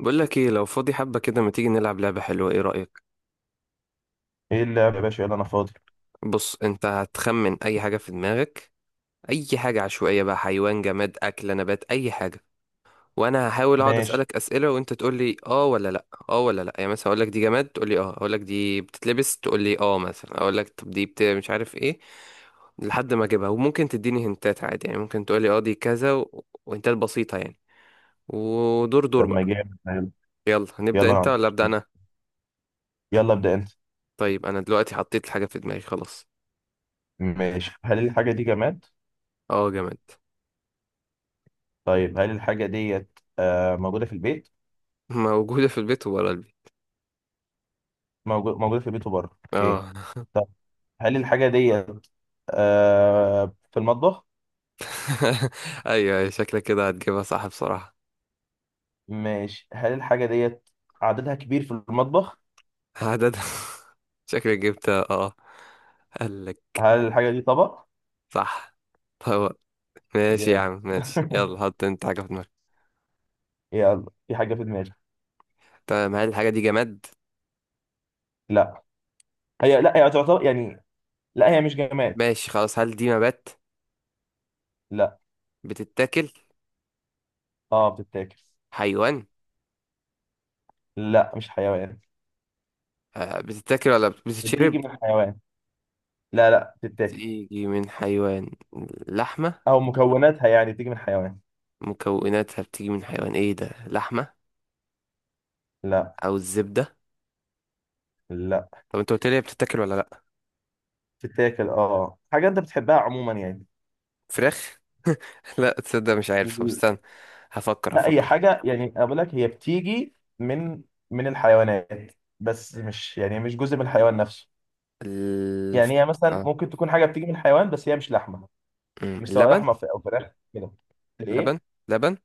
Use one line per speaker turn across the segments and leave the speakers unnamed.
بقول لك ايه؟ لو فاضي حبة كده ما تيجي نلعب لعبة حلوة؟ ايه رأيك؟
ايه اللعب يا باشا؟ يلا انا فاضي.
بص، انت هتخمن اي حاجة في دماغك. اي حاجة عشوائية بقى، حيوان، جماد، اكلة، نبات، اي حاجة. وانا هحاول اقعد
ماشي.
اسألك اسئلة وانت تقول لي اه ولا لا، اه ولا لا. يعني مثلا اقول لك دي جماد تقول لي اه، اقول لك دي بتتلبس تقول لي اه، مثلا اقول لك طب دي مش عارف ايه، لحد ما اجيبها. وممكن تديني هنتات عادي، يعني ممكن تقول لي اه دي كذا وهنتات بسيطة يعني. ودور دور
طب ما
بقى.
جامد حلو.
يلا هنبدأ،
يلا انا
انت ولا ابدأ
عارف.
انا؟
يلا ابدا انت.
طيب انا دلوقتي حطيت الحاجة في دماغي خلاص.
ماشي. هل الحاجه دي جماد؟
اه جامد.
طيب، هل الحاجه ديت موجوده في البيت؟
موجودة في البيت وبره البيت.
موجوده في البيت وبره. اوكي.
اه.
طب، هل الحاجه ديت في المطبخ؟
ايوه، شكلك كده هتجيبها صح بصراحة.
ماشي. هل الحاجه ديت عددها كبير في المطبخ؟
عدد. شكلك جبتها، اه. قال لك
هل الحاجه دي طبق؟
صح. طب ماشي يا
جامد.
عم، ماشي. يلا حط انت حاجة في دماغك.
يلا، في حاجه في دماغي.
تمام، هل الحاجة دي جماد؟
لا لا هي تعتبر يعني. لا، هي مش جماد.
ماشي خلاص، هل دي نبات؟
لا.
بتتاكل؟
اه، بتتاكل.
حيوان؟
لا، مش حيوان.
آه، بتتاكل ولا بتتشرب؟
بتيجي من حيوان. لا، لا، بتتاكل.
بتيجي من حيوان؟ لحمة؟
او مكوناتها يعني بتيجي من حيوان.
مكوناتها بتيجي من حيوان؟ ايه ده، لحمة
لا.
او الزبدة؟
لا،
طب انت قلت لي هي بتتاكل ولا لا؟
بتتاكل. اه، حاجه انت بتحبها عموما يعني.
فراخ؟ لا تصدق مش عارف، طب استنى، هفكر
لا، هي
هفكر
حاجه يعني اقول لك هي بتيجي من الحيوانات. بس مش يعني مش جزء من الحيوان نفسه.
الف...
يعني هي مثلا
آه.
ممكن تكون حاجه بتيجي من الحيوان بس هي مش لحمه.
أمم،
مش سواء
اللبن.
لحمه او فراخ كده. ايه.
لبن. لبن.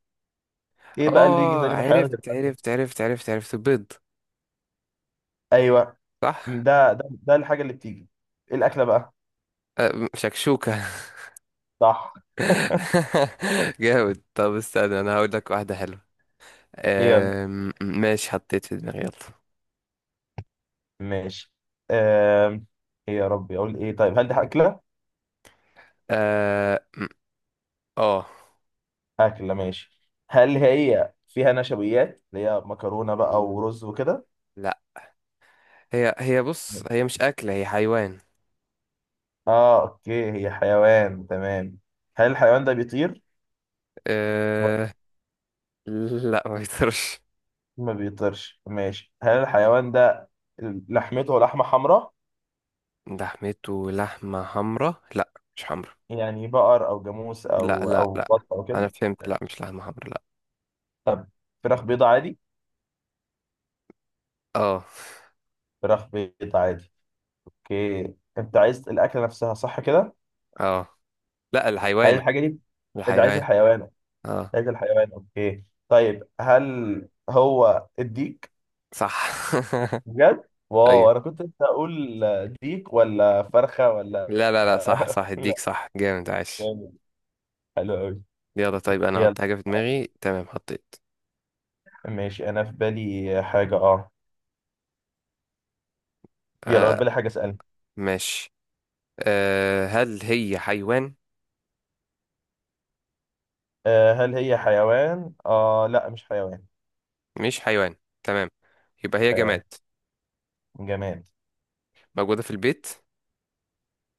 ايه بقى اللي يجي
اه،
تاني من الحيوان غير
عرفت
الفرخ؟
عرفت عرفت عرفت عرفت بيض.
ايوه.
صح.
ده الحاجه اللي بتيجي. ايه الاكله بقى؟
آه، شكشوكة.
صح.
جامد. طب استنى انا هقول لك واحدة حلوة.
يلا،
آم، ماشي حطيت في دماغي، يلا.
ماشي. آم، ايه يا ربي اقول ايه؟ طيب، هل دي اكله؟
اه آه.
اكله، ماشي. هل هي فيها نشويات اللي هي مكرونه بقى ورز وكده؟
لا هي هي بص هي مش أكلة، هي حيوان.
اه، اوكي، هي حيوان، تمام. هل الحيوان ده بيطير؟ ما.
آه... لا ما يقدرش.
ما بيطيرش. ماشي. هل الحيوان ده لحمته لحمه حمراء؟
لحمته لحمة حمرا؟ لا مش حمرا.
يعني بقر او جاموس
لا
او
لا
او
لا
بط او
انا
كده.
فهمت، لا مش لحمة حمرا، لا.
طب، فراخ بيضة عادي.
اه.
فراخ بيضة عادي. اوكي، انت عايز الاكله نفسها صح كده؟
اه. لا،
هل
الحيوان.
الحاجه دي انت عايز
الحيوان.
الحيوان.
اه.
لقيت الحيوان. اوكي، طيب، هل هو الديك؟
صح.
بجد،
ايوه.
واو، انا كنت لسه اقول ديك ولا فرخه ولا؟
لا صح صح، اديك،
لا.
صح، جامد، عاش.
جامد. حلو قوي.
يلا طيب انا
يلا،
احط حاجة في دماغي. تمام حطيت.
ماشي. انا في بالي حاجه يلا، انا في
آه.
بالي حاجه اسالها.
ماشي. آه، هل هي حيوان؟
هل هي حيوان؟ اه، لا، مش حيوان.
مش حيوان، تمام، يبقى هي
حيوان.
جماد.
جماد.
موجودة في البيت.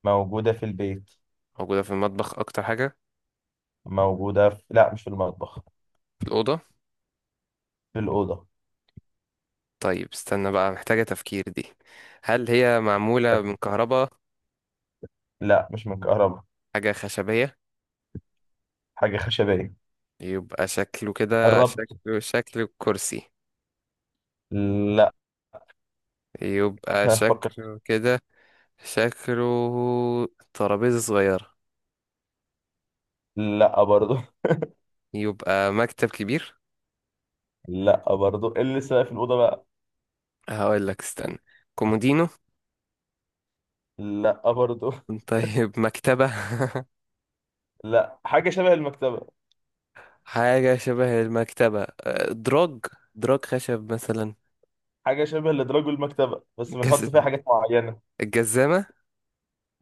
موجوده في البيت.
موجودة في المطبخ اكتر حاجة؟
موجوده في لا، مش في المطبخ.
في الأوضة؟
في الاوضه.
طيب استنى بقى، محتاجة تفكير دي. هل هي معمولة من كهرباء؟
لا، مش من كهرباء.
حاجة خشبية؟
حاجه خشبيه.
يبقى شكله كده،
قربت.
شكله كرسي؟
لا.
يبقى
فكر.
شكله كده. شكله ترابيزة صغيرة؟
لا برضو.
يبقى مكتب كبير؟
لا برضو. إيه اللي لسه في الأوضة بقى؟
هقول لك استنى. كومودينو؟
لا برضو.
طيب مكتبة؟
لا، حاجة شبه المكتبة.
حاجة شبه المكتبة. أه، دراج، دراج خشب مثلا؟
حاجة شبه لدراج المكتبة بس
جز...
بنحط فيها حاجات معينة.
الجزامة؟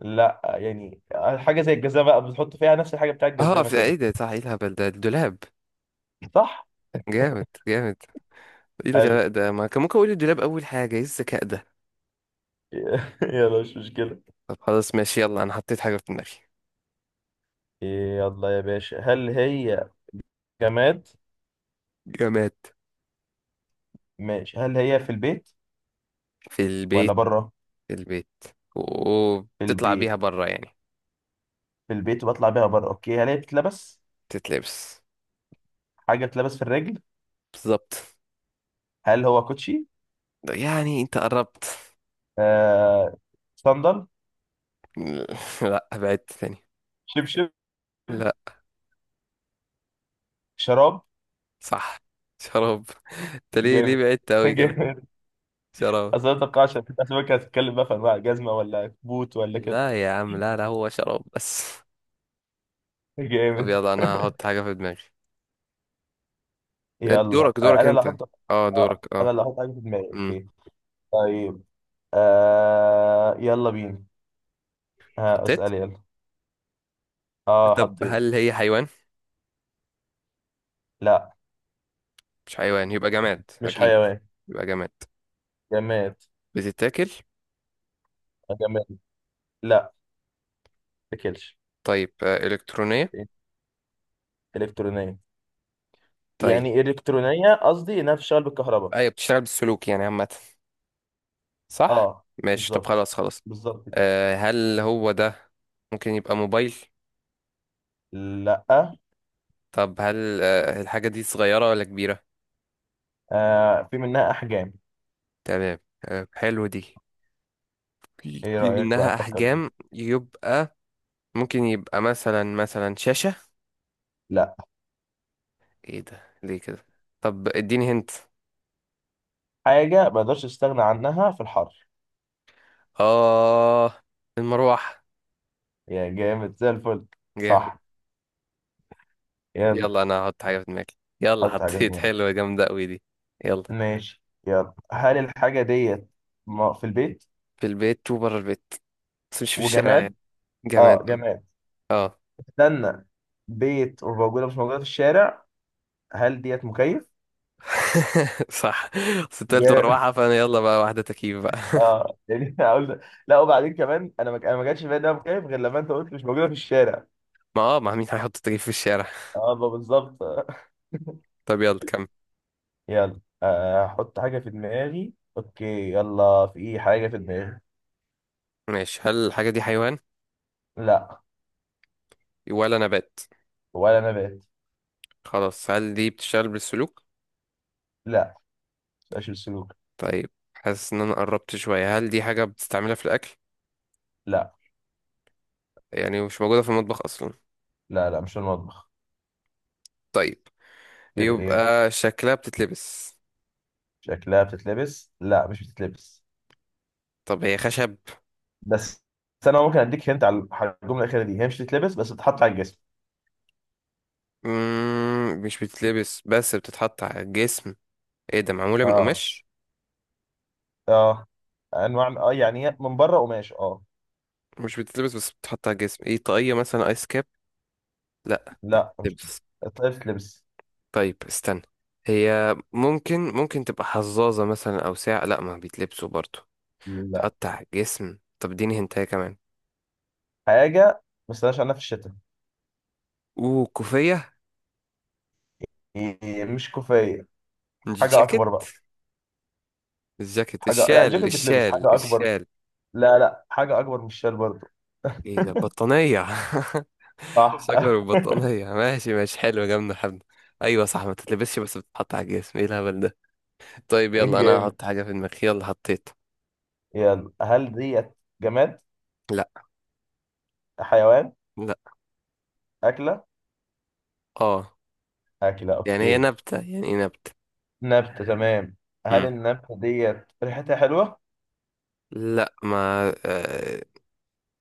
لا يعني. حاجة زي الجزامة بقى بنحط فيها نفس الحاجة بتاع
اه،
الجزامة
في ايه
كده.
ده؟ صح، ايه الهبل ده، الدولاب!
صح؟
جامد. ايه
حلو.
الغباء ده، ما كان ممكن اقول الدولاب اول حاجه. ايه الذكاء ده.
يلا، مش مشكلة.
طب خلاص، ماشي. يلا انا حطيت حاجه في دماغي.
يلا يا باشا، هل هي جماد؟
جماد.
ماشي. هل هي في البيت
في
ولا
البيت.
بره؟
في البيت،
في
وبتطلع
البيت.
بيها بره يعني.
في البيت وبطلع بيها بره. اوكي، هل هي بتتلبس؟
تتلبس.
حاجة بتتلبس في الرجل؟
بالظبط.
هل هو كوتشي؟
ده يعني انت قربت.
آه... صندل؟
لا، بعدت تاني.
شبشب؟
لا.
شراب؟
صح، شراب. انت ليه، ليه
جامد.
بعدت قوي كده؟
جامد.
شراب.
اصل أنا متوقعش إن في اسماك هتتكلم بقى في انواع جزمه ولا كبوت ولا كده.
لا يا عم، لا، هو شراب بس. طب
جامد.
يلا انا هحط حاجه في دماغي.
يلا،
دورك دورك
انا اللي
انت.
هحط.
اه
اه،
دورك، اه.
انا اللي هحط حاجه في دماغي،
امم.
اوكي. طيب، يلا بينا. ها،
حطيت.
اسال يلا. اه،
طب
حطيت.
هل هي حيوان؟
لا.
مش حيوان، يبقى جماد
مش
أكيد.
حيوان.
يبقى جماد.
جماد.
بتتاكل؟
جماد. لا. تاكلش.
طيب آه، إلكترونية؟
الكترونيه.
طيب.
يعني الكترونيه قصدي انها بتشتغل بالكهرباء.
أيوة بتشتغل بالسلوك يعني عامة. صح.
اه.
ماشي، طب
بالظبط.
خلاص خلاص.
بالظبط.
آه، هل هو ده، ممكن يبقى موبايل؟
لا.
طب هل آه، الحاجة دي صغيرة ولا كبيرة؟
في منها احجام.
تمام. آه، حلو دي. في
ايه
في
رايك بقى
منها
افكر؟ لا.
أحجام يبقى. ممكن يبقى مثلا، مثلا شاشة؟ ايه ده، ليه كده؟ طب اديني هنت.
حاجة ما اقدرش استغنى عنها في الحر.
اه، المروحة.
يا جامد زي الفل.
جامد.
صح. يلا.
يلا انا هحط حاجة في دماغي. يلا
حط حاجة في
حطيت،
دماغك.
حلوة جامدة قوي دي. يلا.
ماشي، يلا. هل الحاجة ديت في البيت؟
في البيت وبره البيت، بس مش في الشارع
وجماد؟
يعني.
اه،
جماد.
جماد.
اه.
استنى. بيت، وموجودة مش موجودة في الشارع. هل ديت مكيف؟
صح. بس التالت
جا-
مروحة، فانا يلا بقى واحدة تكييف بقى.
اه، يعني هقول. لا، وبعدين كمان انا ما جاتش في بالي انها مكيف غير لما انت قلت مش موجودة في الشارع.
ما اه، ما مين هيحط تكييف في الشارع؟
اه، ما بالظبط.
طب يلا كمل.
يلا، احط حاجة في دماغي، اوكي. يلا، في ايه حاجة في دماغي.
ماشي، هل الحاجة دي حيوان
لا.
ولا نبات؟
ولا نبات.
خلاص، هل دي بتشتغل بالسلوك؟
لا، مش السلوك.
طيب، حاسس ان انا قربت شوية. هل دي حاجة بتستعملها في الاكل؟
لا،
يعني مش موجودة في المطبخ اصلا؟
لا، لا، مش المطبخ.
طيب،
غير ايه.
يبقى شكلها بتتلبس؟
شكلها بتتلبس؟ لا، مش بتتلبس.
طب هي خشب؟
بس بس انا ممكن اديك هنت على الجمله الاخيره دي. هي مش بتتلبس بس بتتحط على الجسم.
مم، مش بتتلبس بس بتتحط على الجسم. ايه ده، معمولة من
اه.
قماش؟
اه، انواع. اه، يعني هي من بره قماش
مش بتتلبس بس بتتحط على الجسم، ايه؟ طاقية مثلا، ايس كاب؟ لا،
لا، مش.
لبس؟
طيب بتتلبس.
طيب استنى، هي ممكن، ممكن تبقى حظاظة مثلا او ساعة؟ لا ما بيتلبسوا برضو.
لا.
بتتحط على الجسم، طب اديني هنتايه كمان.
حاجه ما استناش عنها في الشتاء.
اوه، كوفية؟
هي مش كوفيه. حاجه
جاكيت؟
اكبر بقى.
الجاكيت،
لا،
الشال
الجاكيت بتلبس
الشال
حاجه اكبر.
الشال
لا، لا، حاجه اكبر من الشال برضه.
ايه ده، بطانية!
صح.
شجر وبطانية، ماشي ماشي، حلو، جامدة، حلو. ايوه صح، ما تتلبسش بس بتتحط على الجسم، ايه الهبل ده. طيب يلا انا
جامد.
هحط حاجة في دماغي. يلا حطيت.
يلا. هل ديت جماد؟
لا.
حيوان؟
لا.
أكلة.
اه.
أكلة،
يعني هي
أوكي.
نبتة يعني، ايه نبتة.
نبتة، تمام. هل
مم.
النبتة ديت ريحتها حلوة؟
لا ما آه،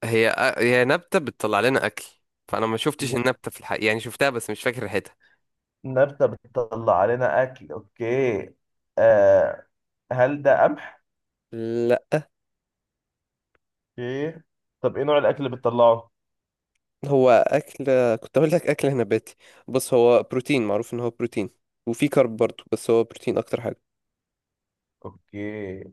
هي آه، هي نبتة بتطلع لنا اكل. فانا ما شفتش
لا.
النبتة في الحقيقة، يعني شفتها بس مش فاكر ريحتها.
نبتة بتطلع علينا أكل، أوكي. آه هل ده قمح؟
لا.
أوكي. طب، إيه نوع الأكل اللي بتطلعه؟
هو اكل، كنت اقول لك اكل نباتي. بص هو بروتين، معروف ان هو بروتين. وفي كارب برضو، بس هو بروتين اكتر حاجة.
أوكي.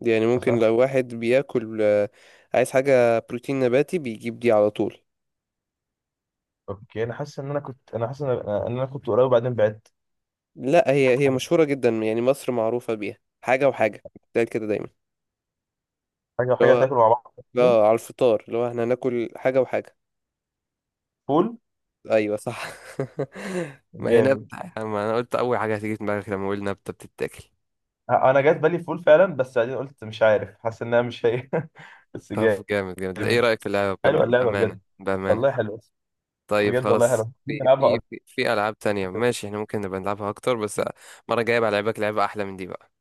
يعني
أصل
ممكن
أنا
لو واحد بياكل آه، عايز حاجة بروتين نباتي بيجيب دي على طول.
أوكي، أنا حاسس إن أنا إن أنا كنت قريب وبعدين بعدت.
لا هي، هي مشهورة جدا يعني، مصر معروفة بيها. حاجة وحاجة بتتقال كده دايما.
حاجة
اللي
وحاجة
هو،
تاكلوا مع بعض الاتنين.
اه، على الفطار اللي هو احنا هناكل حاجة وحاجة.
فول.
ايوه صح. ما هي
جامد.
نبتة، ما انا قلت اول حاجه هتيجي في دماغك لما اقول نبته بتتاكل.
أنا جات بالي فول فعلا بس بعدين قلت مش عارف، حاسس إنها مش هي. بس.
طب
جامد.
جامد جامد، ايه رايك في اللعبه
حلوة اللعبة
بامانه
بجد.
بامانه؟
والله حلو.
طيب
بجد والله
خلاص،
حلو
في
نلعبها
في في, في العاب تانية
اكتر.
ماشي، احنا ممكن نبقى نلعبها اكتر. بس المره الجايه بقى لعبك لعبه احلى من دي بقى.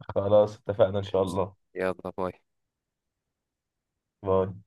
خلاص اتفقنا ان شاء
ماشي.
الله.
يلا باي.
باي.